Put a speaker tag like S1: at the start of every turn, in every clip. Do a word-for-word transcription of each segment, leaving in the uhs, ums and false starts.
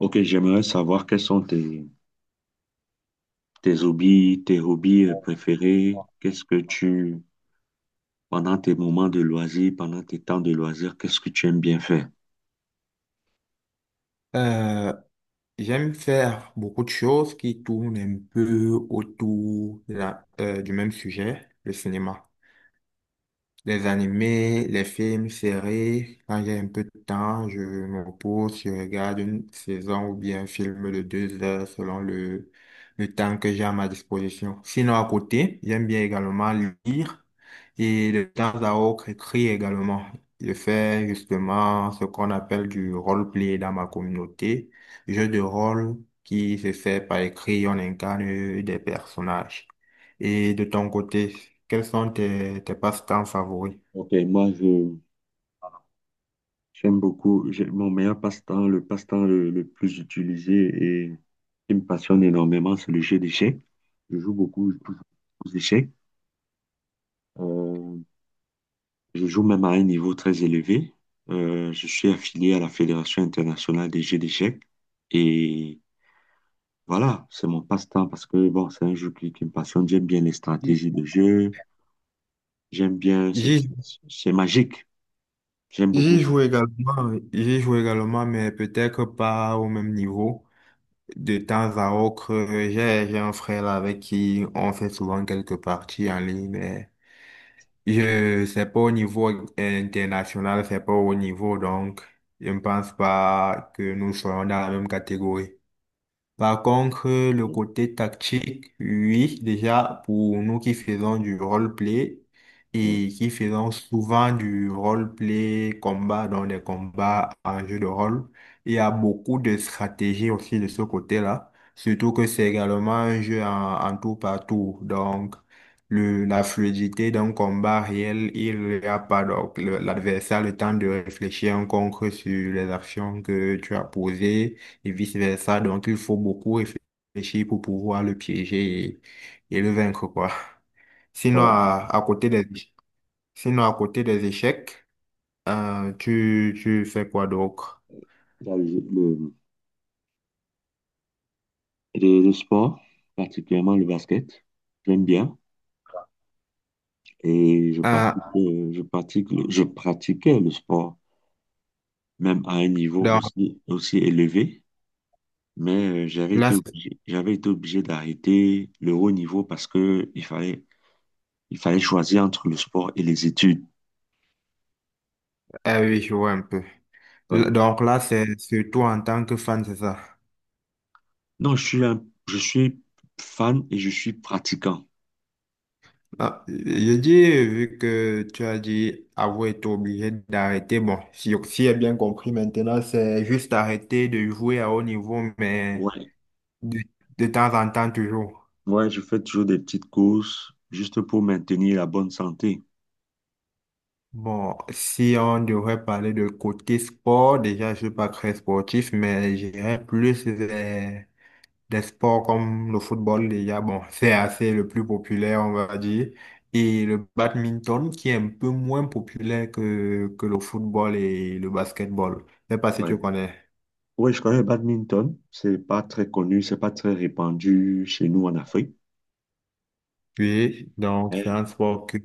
S1: Ok, j'aimerais savoir quels sont tes, tes hobbies, tes hobbies euh, préférés. Qu'est-ce que tu, pendant tes moments de loisirs, pendant tes temps de loisirs, qu'est-ce que tu aimes bien faire?
S2: Euh, J'aime faire beaucoup de choses qui tournent un peu autour de la- euh, du même sujet, le cinéma. Les animés, les films, séries, quand j'ai un peu de temps, je me repose, je regarde une saison ou bien un film de deux heures selon le, le temps que j'ai à ma disposition. Sinon, à côté, j'aime bien également lire et de temps à autre écrire également. Je fais justement ce qu'on appelle du role-play dans ma communauté, jeu de rôle qui se fait par écrit, on incarne des personnages. Et de ton côté, quels sont tes, tes passe-temps favoris?
S1: Ok, moi, je, j'aime beaucoup, j'ai- mon meilleur passe-temps, le passe-temps le, le plus utilisé et qui me passionne énormément, c'est le jeu d'échecs. Je joue beaucoup aux échecs. Euh, je joue même à un niveau très élevé. Euh, je suis affilié à la Fédération internationale des jeux d'échecs et voilà, c'est mon passe-temps parce que bon, c'est un jeu qui, qui me passionne. J'aime bien les
S2: Mm.
S1: stratégies de jeu. J'aime bien, c'est
S2: J'y
S1: c'est- c'est magique. J'aime beaucoup.
S2: J'y joue également, j'y joue également, mais peut-être pas au même niveau. De temps à autre, euh, j'ai, j'ai un frère là avec qui on fait souvent quelques parties en ligne, mais je, c'est pas au niveau international, c'est pas au niveau, donc je ne pense pas que nous soyons dans la même catégorie. Par contre, le côté tactique, oui, déjà pour nous qui faisons du roleplay
S1: Euh,
S2: et qui faisons souvent du roleplay combat dans les combats en jeu de rôle, il y a beaucoup de stratégies aussi de ce côté-là, surtout que c'est également un jeu en, en tour par tour. Donc, le, la fluidité d'un combat réel, il n'y a pas donc le- l'adversaire a le temps de réfléchir en concret sur les actions que tu as posées et vice-versa. Donc, il faut beaucoup réfléchir pour pouvoir le piéger et, et le vaincre, quoi. Sinon,
S1: Ouais,
S2: à, à côté des, sinon, à côté des échecs, euh, tu, tu fais quoi d'autre?
S1: il y a le, le- le- le sport, particulièrement le basket. J'aime bien. Et je
S2: Euh,
S1: pratique, euh, je pratique, le- je pratiquais le sport, même à un niveau
S2: donc,
S1: aussi, aussi élevé. Mais euh, j'avais
S2: là,
S1: été
S2: c'est-
S1: obligé, j'avais été obligé d'arrêter le haut niveau parce que il fallait, il fallait choisir entre le sport et les études.
S2: ah oui, je vois un peu. L-
S1: Ouais.
S2: Donc là, c'est surtout en tant que fan, c'est ça.
S1: Non, je suis un- je suis fan et je suis pratiquant.
S2: Ah, je dis, vu que tu as dit avoir été obligé d'arrêter, bon, si, si j'ai bien compris maintenant, c'est juste arrêter de jouer à haut niveau, mais
S1: Ouais.
S2: De, de temps en temps, toujours.
S1: Ouais, je fais toujours des petites courses juste pour maintenir la bonne santé.
S2: Bon, si on devrait parler de côté sport, déjà, je suis pas très sportif, mais j'irais plus vers des sports comme le football, déjà. Bon, c'est assez le plus populaire, on va dire. Et le badminton, qui est un peu moins populaire que, que le football et le basketball. Je sais pas si tu
S1: Ouais.
S2: connais.
S1: Ouais, je connais le badminton. C'est pas très connu, c'est pas très répandu chez nous en Afrique.
S2: Oui, donc c'est
S1: Mais,
S2: un sport que,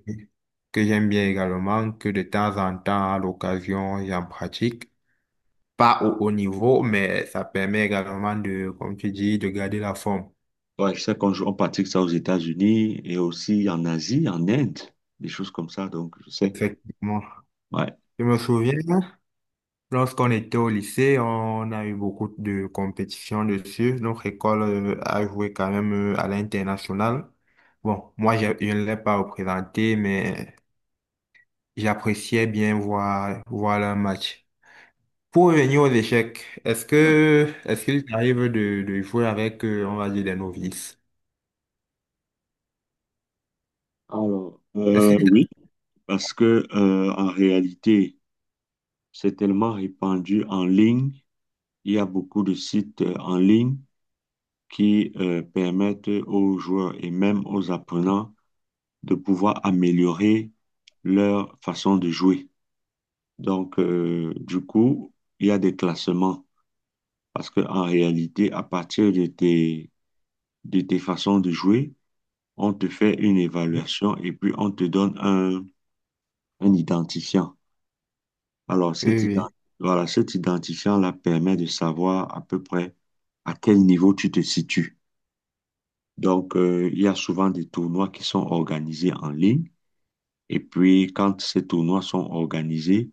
S2: que j'aime bien également, que de temps en temps, à l'occasion, j'en pratique. Pas au haut niveau, mais ça permet également de, comme tu dis, de garder la forme.
S1: ouais, je sais qu'on joue- on pratique ça aux États-Unis et aussi en Asie, en Inde, des choses comme ça. Donc, je sais.
S2: Effectivement.
S1: Ouais.
S2: Je me souviens, lorsqu'on était au lycée, on a eu beaucoup de compétitions dessus. Notre école euh, a joué quand même euh, à l'international. Bon, moi, j'ai- je ne l'ai pas représenté, mais j'appréciais bien voir, voir le match. Pour revenir aux échecs, est-ce
S1: Ouais.
S2: que, est-ce qu'il t'arrive de, de jouer avec, euh, on va dire, des novices?
S1: Alors,
S2: Est-ce
S1: euh,
S2: qu'il
S1: oui, parce que euh, en réalité, c'est tellement répandu en ligne. Il y a beaucoup de sites euh, en ligne qui euh, permettent aux joueurs et même aux apprenants de pouvoir améliorer leur façon de jouer. Donc, euh, du coup, il y a des classements parce qu'en réalité, à partir de tes, de tes façons de jouer, on te fait une
S2: t'arrive?
S1: évaluation et puis on te donne un, un identifiant. Alors, cet ident-
S2: Oui,
S1: voilà, cet identifiant-là permet de savoir à peu près à quel niveau tu te situes. Donc, euh, il y a souvent des tournois qui sont organisés en ligne. Et puis, quand ces tournois sont organisés,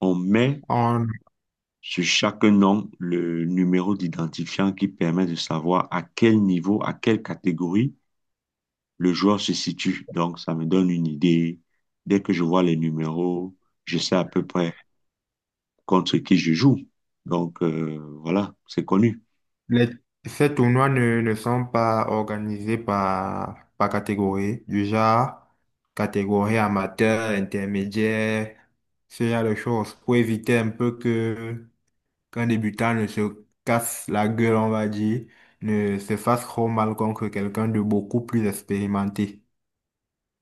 S1: on met
S2: oui.
S1: sur chaque nom le numéro d'identifiant qui permet de savoir à quel niveau, à quelle catégorie le joueur se situe. Donc, ça me donne une idée. Dès que je vois les numéros, je sais à peu près contre qui je joue. Donc, euh, voilà, c'est connu.
S2: Les, Ces tournois ne, ne sont pas organisés par, par catégorie, du genre catégorie amateur, intermédiaire, ce genre de choses, pour éviter un peu que qu'un débutant ne se casse la gueule, on va dire, ne se fasse trop mal contre quelqu'un de beaucoup plus expérimenté.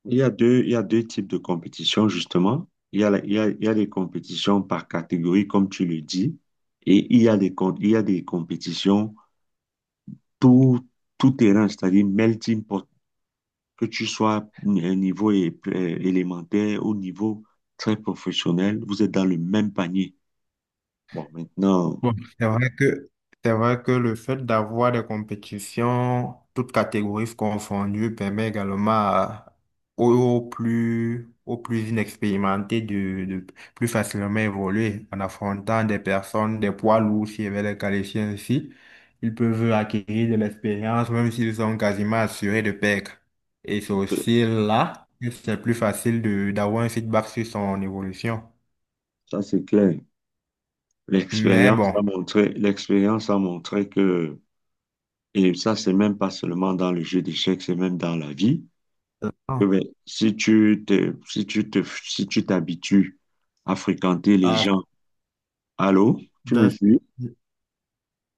S1: Il y a deux, il y a deux types de compétitions, justement. Il y a, la- il y a, il y a les compétitions par catégorie, comme tu le dis, et il y a des, com- il y a des compétitions tout, tout terrain, c'est-à-dire melting pot, que tu sois à un niveau é- euh, élémentaire, au niveau très professionnel, vous êtes dans le même panier. Bon, maintenant,
S2: Bon, c'est vrai que, c'est vrai que le fait d'avoir des compétitions, toutes catégories confondues, permet également à- aux, aux plus, aux plus inexpérimentés de, de plus facilement évoluer en affrontant des personnes, des poids lourds, si je vais les qualifier ainsi. Ils peuvent acquérir de l'expérience, même s'ils sont quasiment assurés de perdre. Et c'est
S1: que-
S2: aussi là que c'est plus facile de, d'avoir un feedback sur son évolution.
S1: ça c'est clair.
S2: Mais
S1: L'expérience a
S2: bon.
S1: montré, l'expérience a montré que, et ça c'est même pas seulement dans le jeu d'échecs, c'est même dans la vie. Eh ben
S2: Ah,
S1: si tu te, si tu te, si tu t'habitues à fréquenter les
S2: ah,
S1: gens, allô, tu me
S2: d'un-
S1: suis,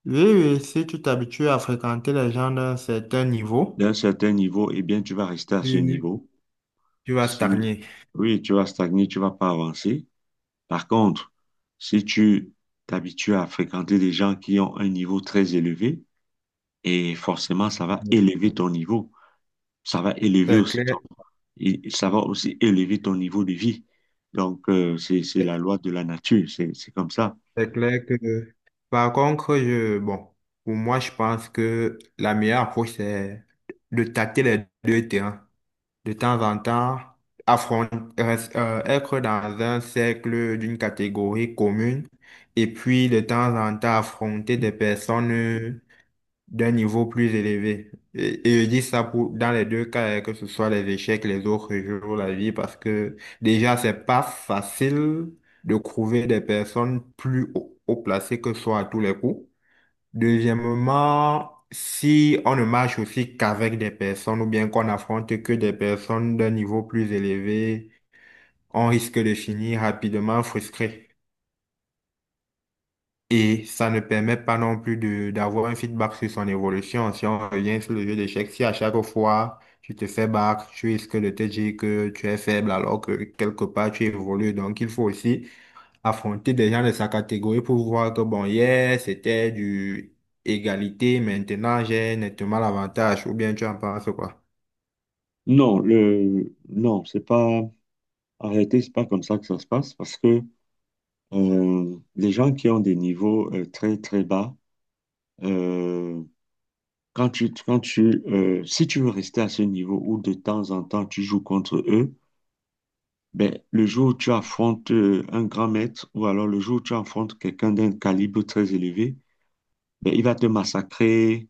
S2: oui, oui, si tu t'habitues à fréquenter les gens d'un certain niveau,
S1: d'un certain niveau, eh bien, tu vas rester à ce
S2: tu,
S1: niveau.
S2: tu vas
S1: Si,
S2: stagner.
S1: oui, tu vas stagner, tu vas pas avancer. Par contre, si tu t'habitues à fréquenter des gens qui ont un niveau très élevé, et forcément, ça va
S2: Oui.
S1: élever ton niveau. Ça va élever
S2: C'est
S1: aussi
S2: clair,
S1: ton, et ça va aussi élever ton niveau de vie. Donc, euh, c'est, c'est la loi de la nature. C'est, c'est comme ça.
S2: c'est clair que... Par contre, je, bon, pour moi, je pense que la meilleure approche, c'est de tâter les deux terrains. De temps en temps, affronter, être dans un cercle d'une catégorie commune et puis de temps en temps affronter des personnes d'un niveau plus élevé. Et, et je dis ça pour, dans les deux cas, euh, que ce soit les échecs, les autres jeux ou la vie, parce que déjà, c'est pas facile de trouver des personnes plus haut, haut placées que soi à tous les coups. Deuxièmement, si on ne marche aussi qu'avec des personnes ou bien qu'on affronte que des personnes d'un niveau plus élevé, on risque de finir rapidement frustré. Et ça ne permet pas non plus de d'avoir un feedback sur son évolution. Si on revient sur le jeu d'échecs, si à chaque fois tu te fais battre, tu risques de te dire que tu es faible alors que quelque part tu évolues. Donc il faut aussi affronter des gens de sa catégorie pour voir que bon, hier c'était du égalité, maintenant j'ai nettement l'avantage. Ou bien tu en penses quoi?
S1: Non, le, non, c'est pas arrêté, c'est pas comme ça que ça se passe parce que euh, les gens qui ont des niveaux euh, très très bas, euh, quand tu, quand tu, euh, si tu veux rester à ce niveau où de temps en temps tu joues contre eux, ben, le jour où tu affrontes euh, un grand maître ou alors le jour où tu affrontes quelqu'un d'un calibre très élevé, ben, il va te massacrer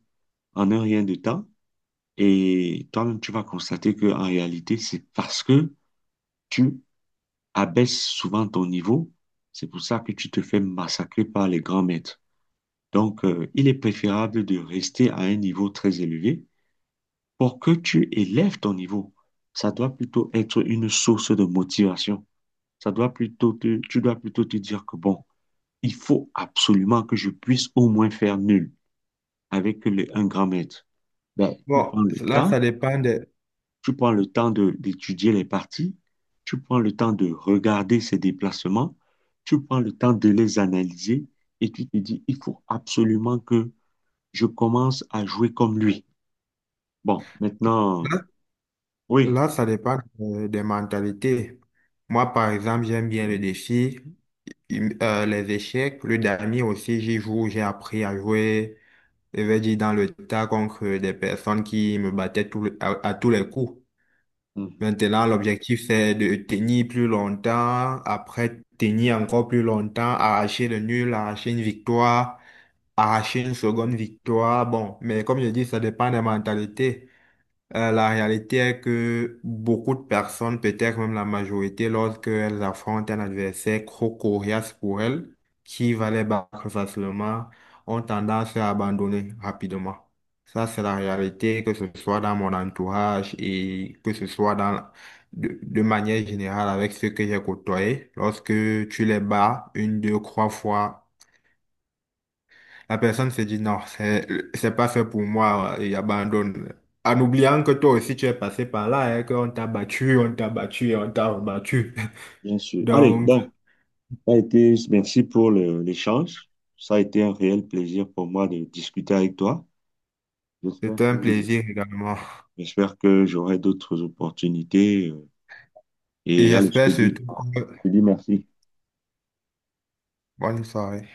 S1: en un rien de temps et toi-même tu vas constater que en réalité c'est parce que tu abaisse souvent ton niveau. C'est pour ça que tu te fais massacrer par les grands maîtres. Donc, euh, il est préférable de rester à un niveau très élevé pour que tu élèves ton niveau. Ça doit plutôt être une source de motivation. Ça doit plutôt te- tu dois plutôt te dire que bon, il faut absolument que je puisse au moins faire nul avec le, un grand maître. Ben, tu
S2: Bon,
S1: prends le
S2: là
S1: temps.
S2: ça dépend de...
S1: Tu prends le temps de- d'étudier les parties, tu prends le temps de regarder ces déplacements, tu prends le temps de les analyser et tu te dis, il faut absolument que je commence à jouer comme lui. Bon, maintenant,
S2: Là,
S1: oui,
S2: là, ça dépend euh, des mentalités. Moi, par exemple, j'aime bien le défi. Hum, euh, les échecs, le damier aussi, j'y joue, j'ai appris à jouer, je vais dire, dans le tas contre des personnes qui me battaient tout le- à, à tous les coups.
S1: mhm,
S2: Maintenant, l'objectif, c'est de tenir plus longtemps, après tenir encore plus longtemps, arracher le nul, arracher une victoire, arracher une seconde victoire. Bon, mais comme je dis, ça dépend des mentalités. Euh, la réalité est que beaucoup de personnes, peut-être même la majorité, lorsqu'elles affrontent un adversaire trop coriace pour elles, qui va les battre facilement, ont tendance à abandonner rapidement. Ça, c'est la réalité, que ce soit dans mon entourage et que ce soit dans, de, de manière générale avec ceux que j'ai côtoyés. Lorsque tu les bats une, deux, trois fois la personne se dit non, c'est c'est pas fait pour moi et abandonne. En oubliant que toi aussi tu es passé par là, hein, qu'on t'a battu, on t'a battu et on t'a rebattu.
S1: bien sûr. Allez,
S2: Donc,
S1: bon, ça a été, merci pour le- l'échange. Ça a été un réel plaisir pour moi de discuter avec toi. J'espère
S2: c'était
S1: que,
S2: un plaisir également.
S1: j'espère que j'aurai d'autres opportunités. euh,
S2: Et
S1: Et allez, je
S2: j'espère
S1: te
S2: surtout
S1: dis,
S2: que...
S1: je te dis merci.
S2: Bonne soirée.